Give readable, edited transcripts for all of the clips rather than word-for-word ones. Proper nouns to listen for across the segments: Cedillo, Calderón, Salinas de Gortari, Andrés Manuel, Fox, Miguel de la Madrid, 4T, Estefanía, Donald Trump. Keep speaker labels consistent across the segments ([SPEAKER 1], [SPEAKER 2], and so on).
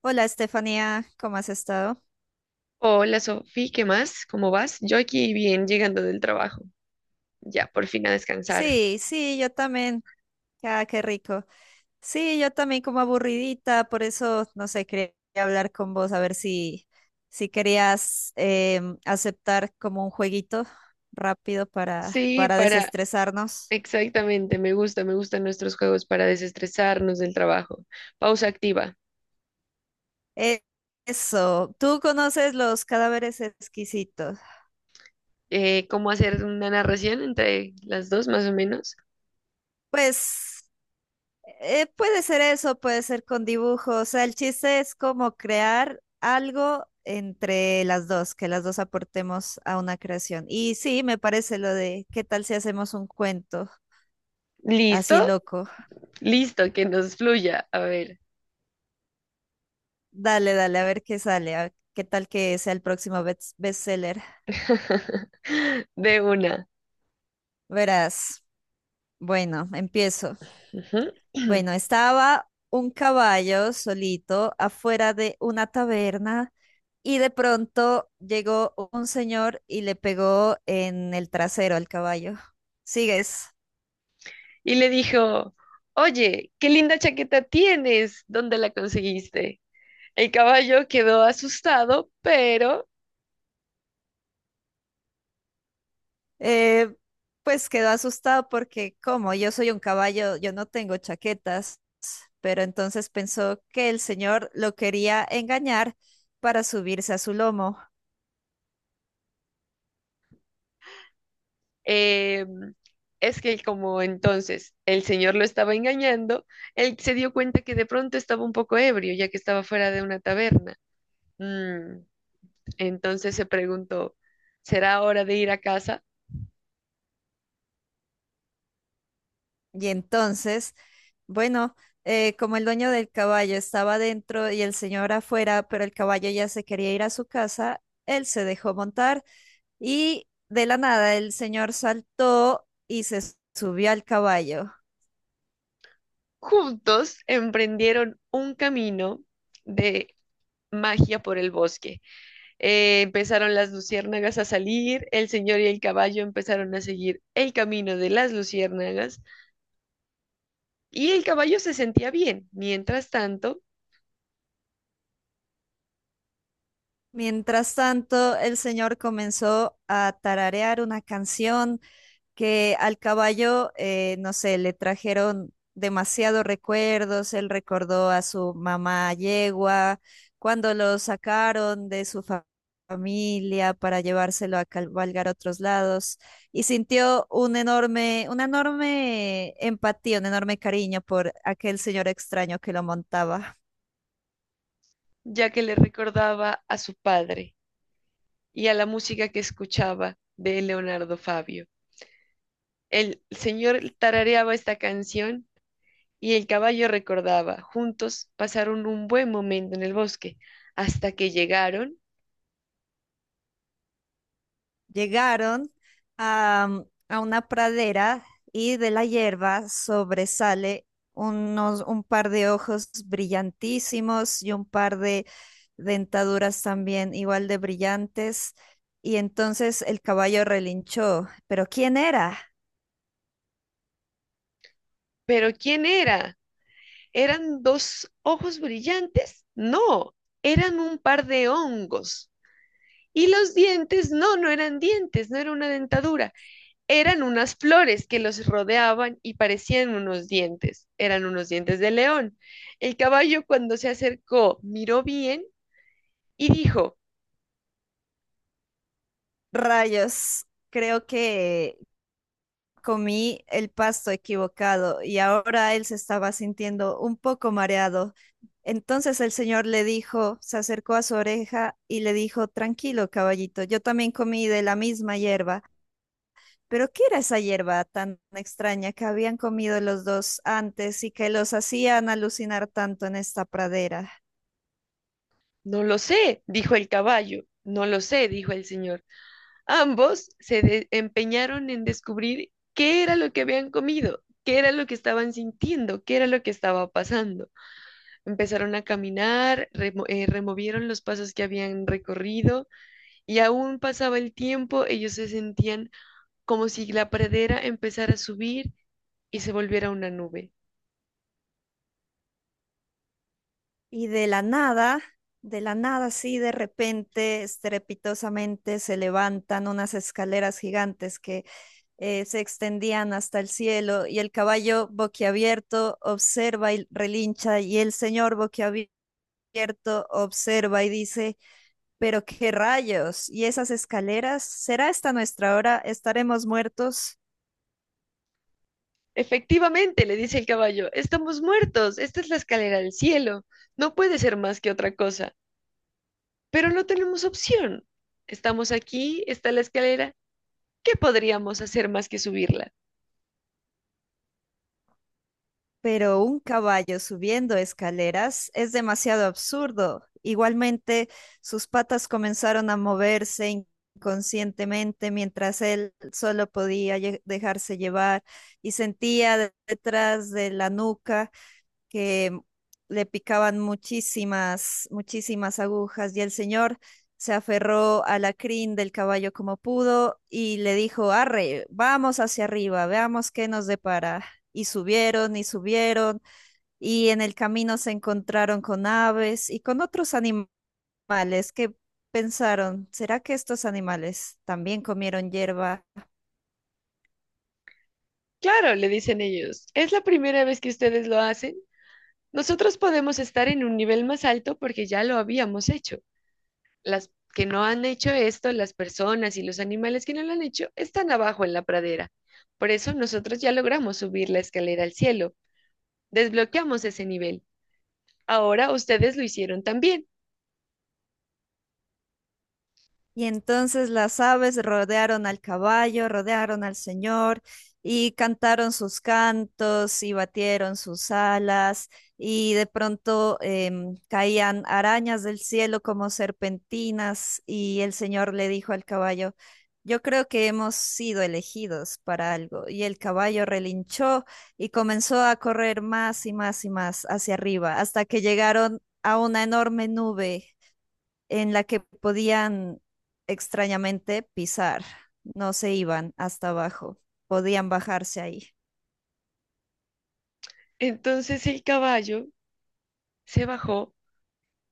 [SPEAKER 1] Hola Estefanía, ¿cómo has estado?
[SPEAKER 2] Hola Sofi, ¿qué más? ¿Cómo vas? Yo aquí bien llegando del trabajo, ya por fin a descansar.
[SPEAKER 1] Sí, sí, yo también. Ah, qué rico. Sí, yo también como aburridita, por eso, no sé, quería hablar con vos a ver si querías aceptar como un jueguito rápido
[SPEAKER 2] Sí,
[SPEAKER 1] para
[SPEAKER 2] para,
[SPEAKER 1] desestresarnos.
[SPEAKER 2] exactamente, me gusta, me gustan nuestros juegos para desestresarnos del trabajo. Pausa activa.
[SPEAKER 1] Eh, eso, ¿tú conoces los cadáveres exquisitos?
[SPEAKER 2] ¿Cómo hacer una narración entre las dos más o menos?
[SPEAKER 1] Pues, puede ser eso, puede ser con dibujos. O sea, el chiste es como crear algo entre las dos, que las dos aportemos a una creación. Y sí, me parece lo de qué tal si hacemos un cuento así
[SPEAKER 2] ¿Listo?
[SPEAKER 1] loco.
[SPEAKER 2] Listo, que nos fluya. A ver,
[SPEAKER 1] Dale, dale, a ver qué sale, qué tal que sea el próximo bestseller.
[SPEAKER 2] de una.
[SPEAKER 1] Verás. Bueno, empiezo.
[SPEAKER 2] Ujú.
[SPEAKER 1] Bueno, estaba un caballo solito afuera de una taberna y de pronto llegó un señor y le pegó en el trasero al caballo. ¿Sigues?
[SPEAKER 2] Y le dijo, oye, qué linda chaqueta tienes, ¿dónde la conseguiste? El caballo quedó asustado, pero
[SPEAKER 1] Eh, pues quedó asustado porque como yo soy un caballo, yo no tengo chaquetas, pero entonces pensó que el señor lo quería engañar para subirse a su lomo.
[SPEAKER 2] eh, es que como entonces el señor lo estaba engañando, él se dio cuenta que de pronto estaba un poco ebrio, ya que estaba fuera de una taberna. Mm, entonces se preguntó, ¿será hora de ir a casa?
[SPEAKER 1] Y entonces, bueno, como el dueño del caballo estaba dentro y el señor afuera, pero el caballo ya se quería ir a su casa, él se dejó montar y de la nada el señor saltó y se subió al caballo.
[SPEAKER 2] Juntos emprendieron un camino de magia por el bosque. Empezaron las luciérnagas a salir, el señor y el caballo empezaron a seguir el camino de las luciérnagas. Y el caballo se sentía bien, mientras tanto,
[SPEAKER 1] Mientras tanto, el señor comenzó a tararear una canción que al caballo, no sé, le trajeron demasiados recuerdos, él recordó a su mamá yegua, cuando lo sacaron de su familia para llevárselo a cabalgar a otros lados y sintió un enorme, una enorme empatía, un enorme cariño por aquel señor extraño que lo montaba.
[SPEAKER 2] ya que le recordaba a su padre y a la música que escuchaba de Leonardo Fabio. El señor tarareaba esta canción y el caballo recordaba. Juntos pasaron un buen momento en el bosque hasta que llegaron.
[SPEAKER 1] Llegaron a, a una pradera y de la hierba sobresale un par de ojos brillantísimos y un par de dentaduras también igual de brillantes. Y entonces el caballo relinchó. ¿Pero quién era?
[SPEAKER 2] Pero ¿quién era? ¿Eran dos ojos brillantes? No, eran un par de hongos. Y los dientes, no, no eran dientes, no era una dentadura, eran unas flores que los rodeaban y parecían unos dientes. Eran unos dientes de león. El caballo cuando se acercó miró bien y dijo,
[SPEAKER 1] Rayos, creo que comí el pasto equivocado y ahora él se estaba sintiendo un poco mareado. Entonces el señor le dijo, se acercó a su oreja y le dijo, tranquilo, caballito, yo también comí de la misma hierba. Pero ¿qué era esa hierba tan extraña que habían comido los dos antes y que los hacían alucinar tanto en esta pradera?
[SPEAKER 2] no lo sé, dijo el caballo. No lo sé, dijo el señor. Ambos se empeñaron en descubrir qué era lo que habían comido, qué era lo que estaban sintiendo, qué era lo que estaba pasando. Empezaron a caminar, removieron los pasos que habían recorrido y aún pasaba el tiempo, ellos se sentían como si la pradera empezara a subir y se volviera una nube.
[SPEAKER 1] Y de la nada, sí, de repente, estrepitosamente se levantan unas escaleras gigantes que se extendían hasta el cielo y el caballo boquiabierto observa y relincha y el señor boquiabierto observa y dice, pero qué rayos, ¿y esas escaleras? ¿Será esta nuestra hora? ¿Estaremos muertos?
[SPEAKER 2] Efectivamente, le dice el caballo, estamos muertos, esta es la escalera del cielo, no puede ser más que otra cosa, pero no tenemos opción. Estamos aquí, está la escalera, ¿qué podríamos hacer más que subirla?
[SPEAKER 1] Pero un caballo subiendo escaleras es demasiado absurdo. Igualmente, sus patas comenzaron a moverse inconscientemente mientras él solo podía dejarse llevar y sentía detrás de la nuca que le picaban muchísimas, muchísimas agujas y el señor se aferró a la crin del caballo como pudo y le dijo, arre, vamos hacia arriba, veamos qué nos depara. Y subieron y subieron y en el camino se encontraron con aves y con otros animales que pensaron, ¿será que estos animales también comieron hierba?
[SPEAKER 2] Claro, le dicen ellos, es la primera vez que ustedes lo hacen. Nosotros podemos estar en un nivel más alto porque ya lo habíamos hecho. Las que no han hecho esto, las personas y los animales que no lo han hecho, están abajo en la pradera. Por eso nosotros ya logramos subir la escalera al cielo, desbloqueamos ese nivel. Ahora ustedes lo hicieron también.
[SPEAKER 1] Y entonces las aves rodearon al caballo, rodearon al señor y cantaron sus cantos y batieron sus alas y de pronto caían arañas del cielo como serpentinas y el señor le dijo al caballo, yo creo que hemos sido elegidos para algo. Y el caballo relinchó y comenzó a correr más y más y más hacia arriba hasta que llegaron a una enorme nube en la que podían extrañamente pisar, no se iban hasta abajo, podían bajarse ahí.
[SPEAKER 2] Entonces el caballo se bajó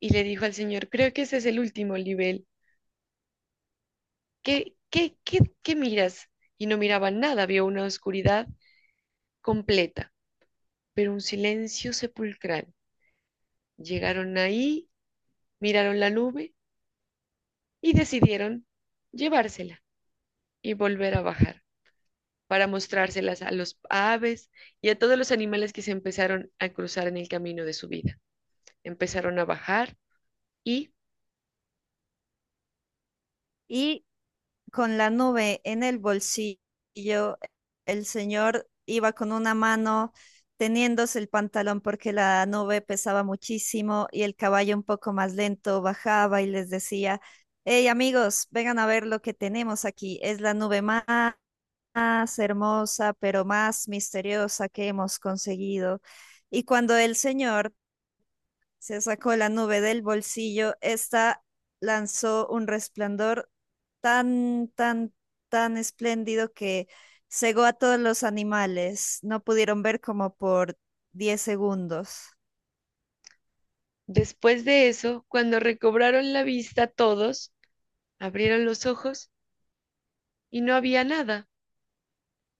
[SPEAKER 2] y le dijo al señor, creo que ese es el último nivel. ¿Qué, qué, qué, qué miras? Y no miraba nada, vio una oscuridad completa, pero un silencio sepulcral. Llegaron ahí, miraron la nube y decidieron llevársela y volver a bajar para mostrárselas a los aves y a todos los animales que se empezaron a cruzar en el camino de su vida. Empezaron a bajar y
[SPEAKER 1] Y con la nube en el bolsillo, el señor iba con una mano teniéndose el pantalón porque la nube pesaba muchísimo y el caballo un poco más lento bajaba y les decía, hey amigos, vengan a ver lo que tenemos aquí, es la nube más más hermosa, pero más misteriosa que hemos conseguido. Y cuando el señor se sacó la nube del bolsillo, ésta lanzó un resplandor tan, tan, tan espléndido que cegó a todos los animales. No pudieron ver como por 10 segundos.
[SPEAKER 2] después de eso, cuando recobraron la vista todos, abrieron los ojos y no había nada.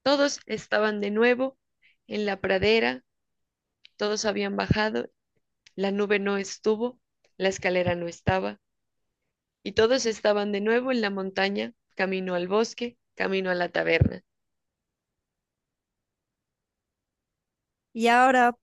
[SPEAKER 2] Todos estaban de nuevo en la pradera, todos habían bajado, la nube no estuvo, la escalera no estaba y todos estaban de nuevo en la montaña, camino al bosque, camino a la taberna.
[SPEAKER 1] Y ahora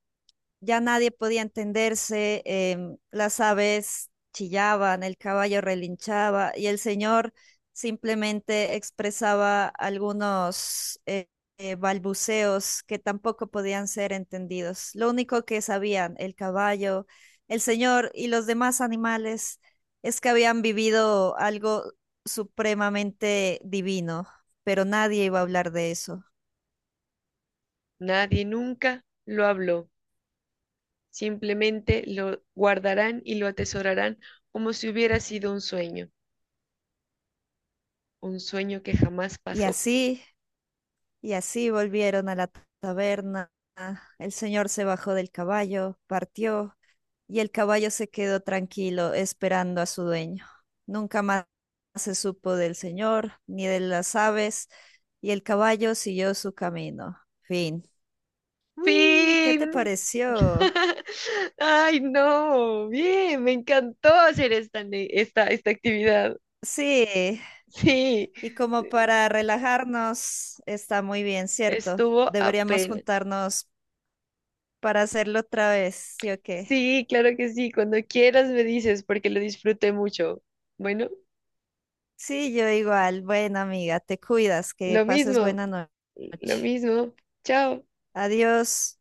[SPEAKER 1] ya nadie podía entenderse, las aves chillaban, el caballo relinchaba y el señor simplemente expresaba algunos balbuceos que tampoco podían ser entendidos. Lo único que sabían el caballo, el señor y los demás animales es que habían vivido algo supremamente divino, pero nadie iba a hablar de eso.
[SPEAKER 2] Nadie nunca lo habló, simplemente lo guardarán y lo atesorarán como si hubiera sido un sueño que jamás
[SPEAKER 1] Y
[SPEAKER 2] pasó.
[SPEAKER 1] así, y así volvieron a la taberna. El señor se bajó del caballo, partió, y el caballo se quedó tranquilo esperando a su dueño. Nunca más se supo del señor ni de las aves, y el caballo siguió su camino. Fin. Uy, ¿qué te
[SPEAKER 2] ¡Fin!
[SPEAKER 1] pareció?
[SPEAKER 2] ¡Ay, no! Bien, me encantó hacer esta actividad.
[SPEAKER 1] Sí,
[SPEAKER 2] Sí,
[SPEAKER 1] y como para relajarnos, está muy bien, ¿cierto?
[SPEAKER 2] estuvo
[SPEAKER 1] Deberíamos
[SPEAKER 2] apenas.
[SPEAKER 1] juntarnos para hacerlo otra vez, ¿sí o qué?
[SPEAKER 2] Sí, claro que sí, cuando quieras me dices porque lo disfruté mucho. Bueno,
[SPEAKER 1] Sí, yo igual. Bueno, amiga, te cuidas, que
[SPEAKER 2] lo
[SPEAKER 1] pases
[SPEAKER 2] mismo,
[SPEAKER 1] buena
[SPEAKER 2] lo
[SPEAKER 1] noche.
[SPEAKER 2] mismo. Chao.
[SPEAKER 1] Adiós.